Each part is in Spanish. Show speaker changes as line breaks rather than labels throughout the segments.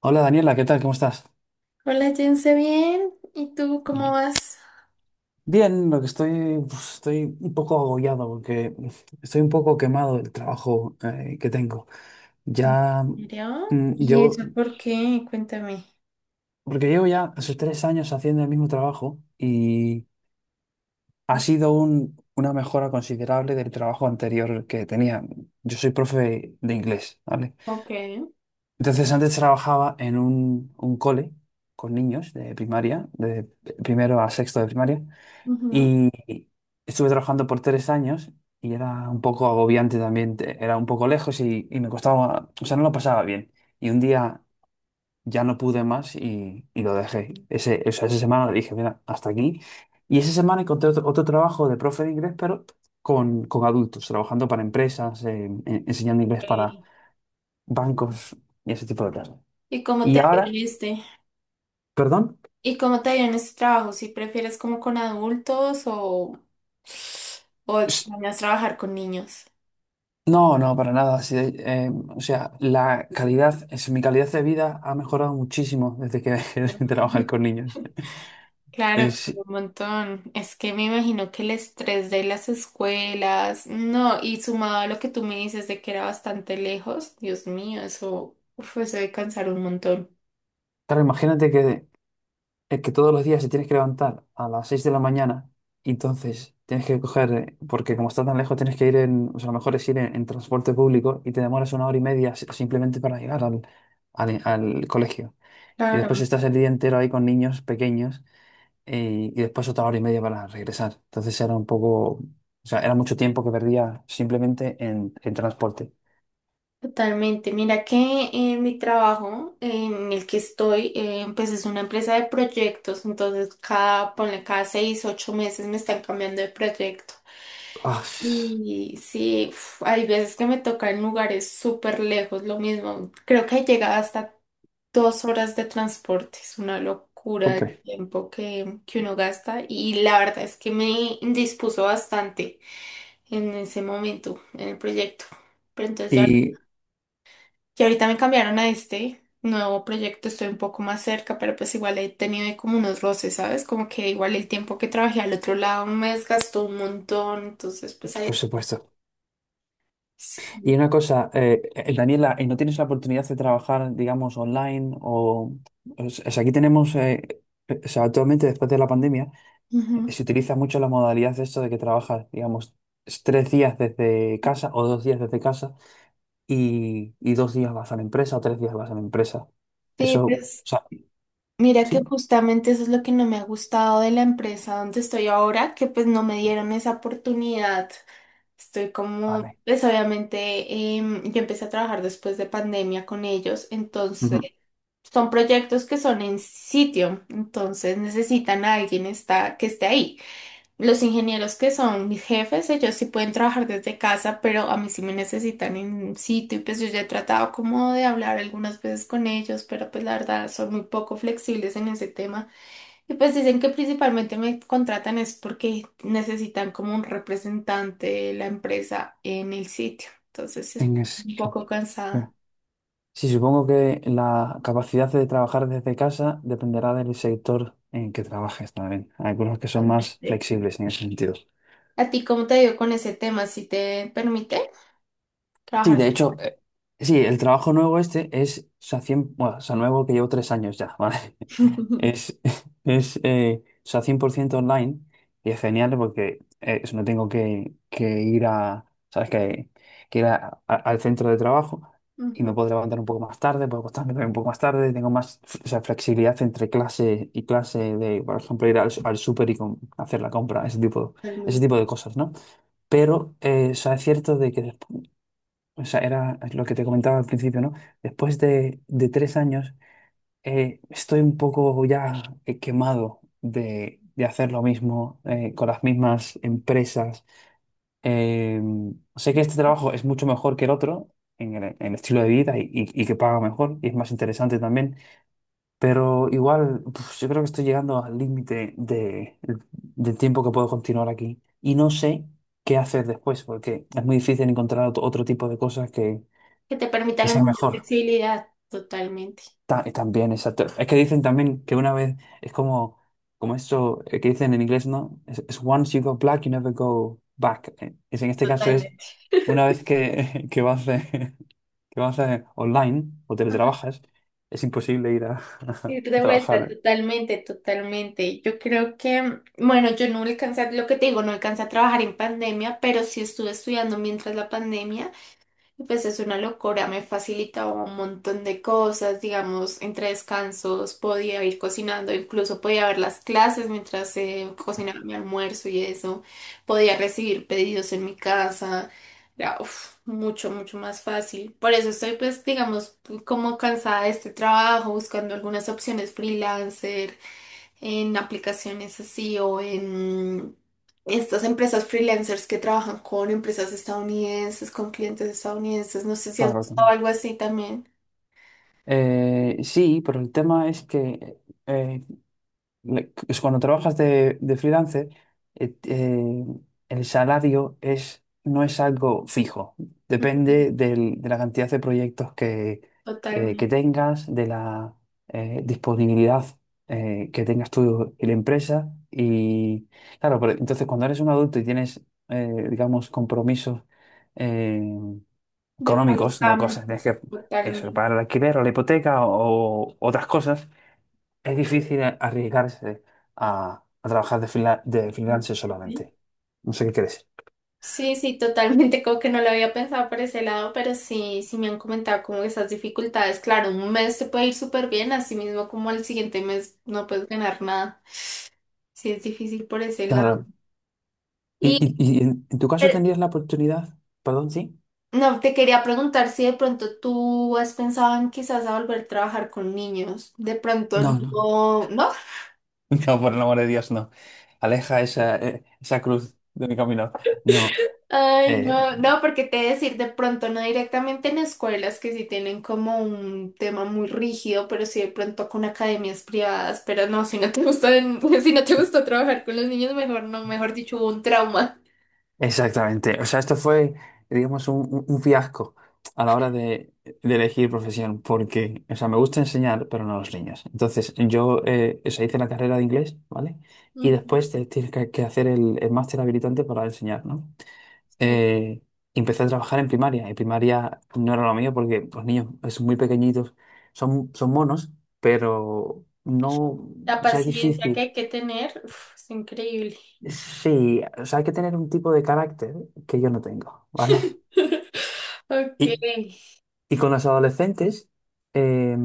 Hola Daniela, ¿qué tal? ¿Cómo estás?
Hola, Jense, bien. ¿Y tú cómo vas?
Bien, pues, estoy un poco agobiado porque estoy un poco quemado del trabajo que tengo.
Mm.
Ya,
¿En serio?
mm,
¿Y
llevo,
eso por qué? Cuéntame.
porque llevo ya esos 3 años haciendo el mismo trabajo y ha sido una mejora considerable del trabajo anterior que tenía. Yo soy profe de inglés, ¿vale?
Ok.
Entonces antes trabajaba en un cole con niños de primaria, de primero a sexto de primaria.
Ujú.
Y estuve trabajando por 3 años y era un poco agobiante también, era un poco lejos y me costaba, o sea, no lo pasaba bien. Y un día ya no pude más y lo dejé. O sea, esa semana dije, mira, hasta aquí. Y esa semana encontré otro trabajo de profe de inglés, pero con adultos, trabajando para empresas, enseñando inglés para
Ok.
bancos y ese tipo de cosas.
¿Y cómo te
Y
ha ido en
ahora,
este?
perdón.
¿Y cómo te ha ido en este trabajo? ¿Si prefieres como con adultos o extrañas trabajar con niños?
No, no, para nada. Sí, o sea, mi calidad de vida ha mejorado muchísimo desde que dejé de trabajar con niños.
Claro, con
Es,
un montón. Es que me imagino que el estrés de las escuelas, no, y sumado a lo que tú me dices de que era bastante lejos, Dios mío, eso, uf, eso debe cansar un montón.
claro, imagínate que todos los días te tienes que levantar a las 6 de la mañana y entonces tienes que coger, porque como está tan lejos, tienes que ir en, o sea, lo mejor es ir en transporte público y te demoras una hora y media simplemente para llegar al, al colegio. Y después
Claro,
estás el día entero ahí con niños pequeños, y después otra hora y media para regresar. Entonces era un poco, o sea, era mucho tiempo que perdía simplemente en transporte.
totalmente. Mira que en mi trabajo en el que estoy, pues es una empresa de proyectos, entonces cada, ponle cada 6, 8 meses me están cambiando de proyecto.
Ah,
Y sí, uf, hay veces que me toca en lugares súper lejos, lo mismo. Creo que llega hasta 2 horas de transporte, es una locura el
súper.
tiempo que uno gasta, y la verdad es que me indispuso bastante en ese momento, en el proyecto. Pero entonces ya
Y,
que ahorita me cambiaron a este nuevo proyecto, estoy un poco más cerca, pero pues igual he tenido ahí como unos roces, ¿sabes? Como que igual el tiempo que trabajé al otro lado me desgastó un montón, entonces pues ahí.
por supuesto. Y
Sí.
una cosa, Daniela, ¿y no tienes la oportunidad de trabajar, digamos, online? O sea, aquí tenemos, o sea, actualmente después de la pandemia,
Ujú.
se utiliza mucho la modalidad de esto de que trabajas, digamos, 3 días desde casa o 2 días desde casa y 2 días vas a la empresa o 3 días vas a la empresa. Eso,
Sí,
o
pues mira que
Sí.
justamente eso es lo que no me ha gustado de la empresa donde estoy ahora, que pues no me dieron esa oportunidad. Estoy como,
Vale.
pues obviamente yo empecé a trabajar después de pandemia con ellos.
Ujú.
Son proyectos que son en sitio, entonces necesitan a alguien que esté ahí. Los ingenieros que son mis jefes, ellos sí pueden trabajar desde casa, pero a mí sí me necesitan en sitio, y pues yo ya he tratado como de hablar algunas veces con ellos, pero pues la verdad son muy poco flexibles en ese tema. Y pues dicen que principalmente me contratan es porque necesitan como un representante de la empresa en el sitio. Entonces estoy
En
un
Esquimalt.
poco cansada.
Sí, supongo que la capacidad de trabajar desde casa dependerá del sector en que trabajes también. Hay algunos que son más flexibles en ese sentido.
¿A ti cómo te dio con ese tema? ¿Si te permite
Sí,
trabajar?
de hecho, sí, el trabajo nuevo este es, o sea, bueno, o sea, nuevo que llevo 3 años ya, ¿vale? Es, es o sea, 100% online y es genial porque eso, no tengo que ir a, ¿sabes? Que ir al centro de trabajo y me
Ujú.
puedo levantar un poco más tarde, puedo acostarme también un poco más tarde, tengo más o sea, flexibilidad entre clase y clase de, por ejemplo, ir al súper y hacer la compra, ese tipo, ese
Totalmente.
tipo de cosas, ¿no? Pero o sea, es cierto de que, o sea, era lo que te comentaba al principio, ¿no? Después de 3 años, estoy un poco ya, quemado de hacer lo mismo, con las mismas empresas. Eh, Sé que este trabajo es mucho mejor que el otro en el estilo de vida y que paga mejor y es más interesante también, pero igual pues, yo creo que estoy llegando al límite del tiempo que puedo continuar aquí y no sé qué hacer después porque es muy difícil encontrar otro tipo de cosas que,
Que te permita
que
la
sea
misma
mejor.
flexibilidad. Totalmente.
Y también, exacto. Es que dicen también que una vez es como esto, que dicen en inglés, ¿no? Es once you go black, you never go back. En este caso es
Totalmente.
una vez que vas, online o
Ajá.
teletrabajas, es imposible ir
Ir
a
de vuelta,
trabajar.
totalmente, totalmente. Yo creo que, bueno, yo no alcancé, a- lo que te digo, no alcancé a trabajar en pandemia, pero sí estuve estudiando mientras la pandemia. Y pues es una locura, me facilitaba un montón de cosas, digamos, entre descansos podía ir cocinando, incluso podía ver las clases mientras cocinaba mi almuerzo y eso, podía recibir pedidos en mi casa, era uf, mucho, mucho más fácil. Por eso estoy pues, digamos, como cansada de este trabajo, buscando algunas opciones freelancer en aplicaciones así o en estas empresas freelancers que trabajan con empresas estadounidenses, con clientes estadounidenses. No sé si has
Claro,
visto
también.
algo así también.
Sí, pero el tema es que, eh, es cuando trabajas de freelancer, eh, eh, el salario no es algo fijo. Depende de la cantidad de proyectos que
Totalmente.
tengas, de la, disponibilidad, que tengas tú y la empresa. Y claro, pero entonces cuando eres un adulto y tienes, digamos, compromisos, eh,
De Pablo
económicos, ¿no?
Camus,
Cosas, tienes que eso,
totalmente.
pagar el alquiler o la hipoteca o otras cosas es difícil arriesgarse a trabajar de
Así
freelancer
que
solamente. No sé qué crees.
sí, sí, sí, totalmente. Como que no lo había pensado por ese lado, pero sí, sí me han comentado como esas dificultades. Claro, un mes te puede ir súper bien, así mismo como al siguiente mes no puedes ganar nada. Sí, es difícil por ese lado.
Claro. ¿Y,
Y
y- y en tu caso
eh,
tendrías la oportunidad? Perdón, sí.
no, te quería preguntar si de pronto tú has pensado en quizás a volver a trabajar con niños. De pronto
No, no.
no, no,
No, por el amor de Dios, no. Aleja esa cruz de mi camino. No.
ay,
eh,
no, no, porque te he de decir, de pronto no directamente en escuelas que sí tienen como un tema muy rígido, pero sí de pronto con academias privadas. Pero no, si no te gusta, si no te gusta trabajar con los niños, mejor no, mejor dicho, hubo un trauma.
Exactamente. O sea, esto fue, digamos, un fiasco a la hora de elegir profesión, porque, o sea, me gusta enseñar, pero no a los niños. Entonces, yo, o sea, hice la carrera de inglés, ¿vale? Y
Ujú.
después tienes que hacer el máster habilitante para enseñar, ¿no?
Sí.
Eh, Empecé a trabajar en primaria, y primaria no era lo mío porque los niños son muy pequeñitos, son monos, pero no,
La
o sea, es
paciencia que
difícil.
hay que tener, uf, es increíble.
Sí, o sea, hay que tener un tipo de carácter que yo no tengo, ¿vale?
Ok.
Y, y con los adolescentes, eh,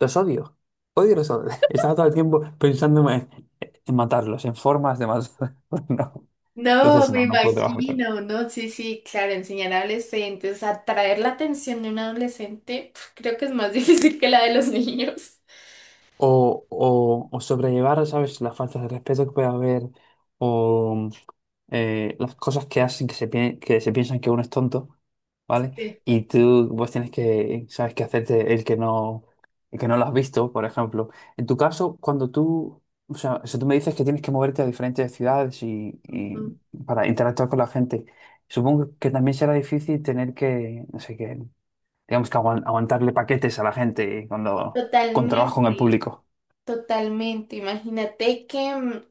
los odio. Odio los odio. Estaba todo el tiempo pensando en matarlos, en formas de matarlos. No.
No,
Entonces,
me
no puedo trabajar con,
imagino, no, sí, sí, claro, enseñar a adolescentes, o sea, atraer la atención de un adolescente, pf, creo que es más difícil que la de los niños.
o sobrellevar, ¿sabes?, las faltas de respeto que puede haber o, las cosas que hacen que se piensan que uno es tonto, ¿vale?
Sí.
Y tú vos tienes que, ¿sabes?, que hacerte el que no, lo has visto, por ejemplo. En tu caso, o sea, si tú me dices que tienes que moverte a diferentes ciudades y
Ujú.
para interactuar con la gente, supongo que también será difícil tener que, no sé, que, digamos que aguantarle paquetes a la gente cuando... con trabajo en el
Totalmente,
público.
totalmente. Imagínate que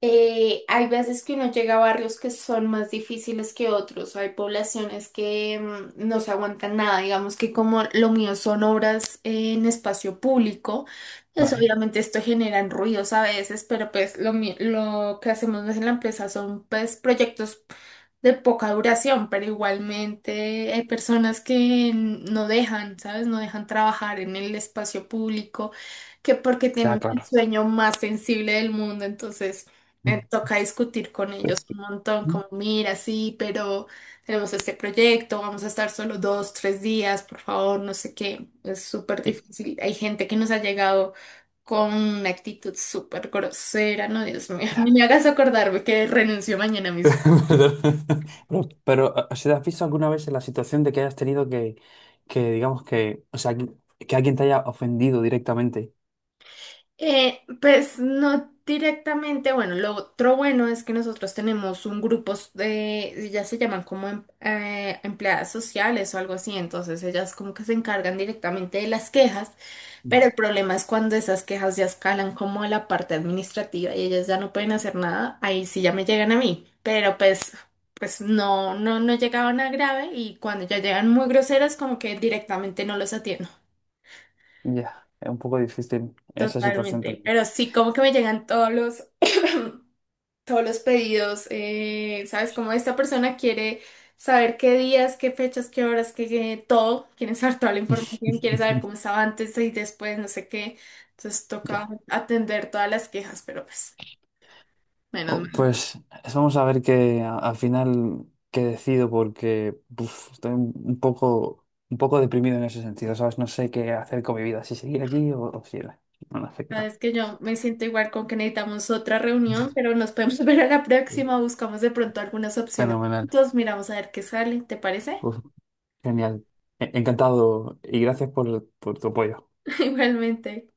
Hay veces que uno llega a barrios que son más difíciles que otros, hay poblaciones que no se aguantan nada, digamos que como lo, mío son obras en espacio público, pues
Vale,
obviamente esto generan ruidos a veces, pero pues lo que hacemos en la empresa son pues proyectos de poca duración, pero igualmente hay personas que no dejan, ¿sabes? No dejan trabajar en el espacio público, que porque
ya
tienen el
claro.
sueño más sensible del mundo, entonces toca discutir con ellos un montón,
Ujú.
como, mira, sí, pero tenemos este proyecto, vamos a estar solo 2, 3 días, por favor, no sé qué, es súper
Y-
difícil. Hay gente que nos ha llegado con una actitud súper grosera, no, Dios mío, ni
Ya.
me hagas acordarme que renuncio mañana mismo.
Pero, o sea, ¿te has visto alguna vez en la situación de que hayas tenido que digamos que, o sea, que alguien te haya ofendido directamente?
Pues no directamente, bueno, lo otro bueno es que nosotros tenemos un grupo de, ya se llaman como empleadas sociales o algo así, entonces ellas como que se encargan directamente de las quejas, pero el
Vale,
problema es cuando esas quejas ya escalan como a la parte administrativa y ellas ya no pueden hacer nada, ahí sí ya me llegan a mí, pero pues, pues no, no, no llegaban a grave, y cuando ya llegan muy groseras como que directamente no los atiendo.
ya. Es un poco difícil esa situación
Totalmente,
también.
pero sí, como que me llegan todos los, todos los pedidos, ¿sabes? Como esta persona quiere saber qué días, qué fechas, qué horas, todo, quiere saber toda la información, quiere saber cómo estaba antes y después, no sé qué. Entonces toca
Ya.
atender todas las quejas, pero pues, menos
Oh,
mal.
pues vamos a ver que al final qué decido porque uf, estoy un un poco deprimido en ese sentido, ¿sabes? No sé qué hacer con mi vida, si seguir aquí o si no, no sé qué tal.
Sabes que yo me siento igual con que necesitamos otra reunión, pero nos podemos ver a la próxima, buscamos de pronto algunas opciones
Fenomenal.
juntos, miramos a ver qué sale, ¿te parece?
Pues genial. Encantado y gracias por tu apoyo.
Igualmente.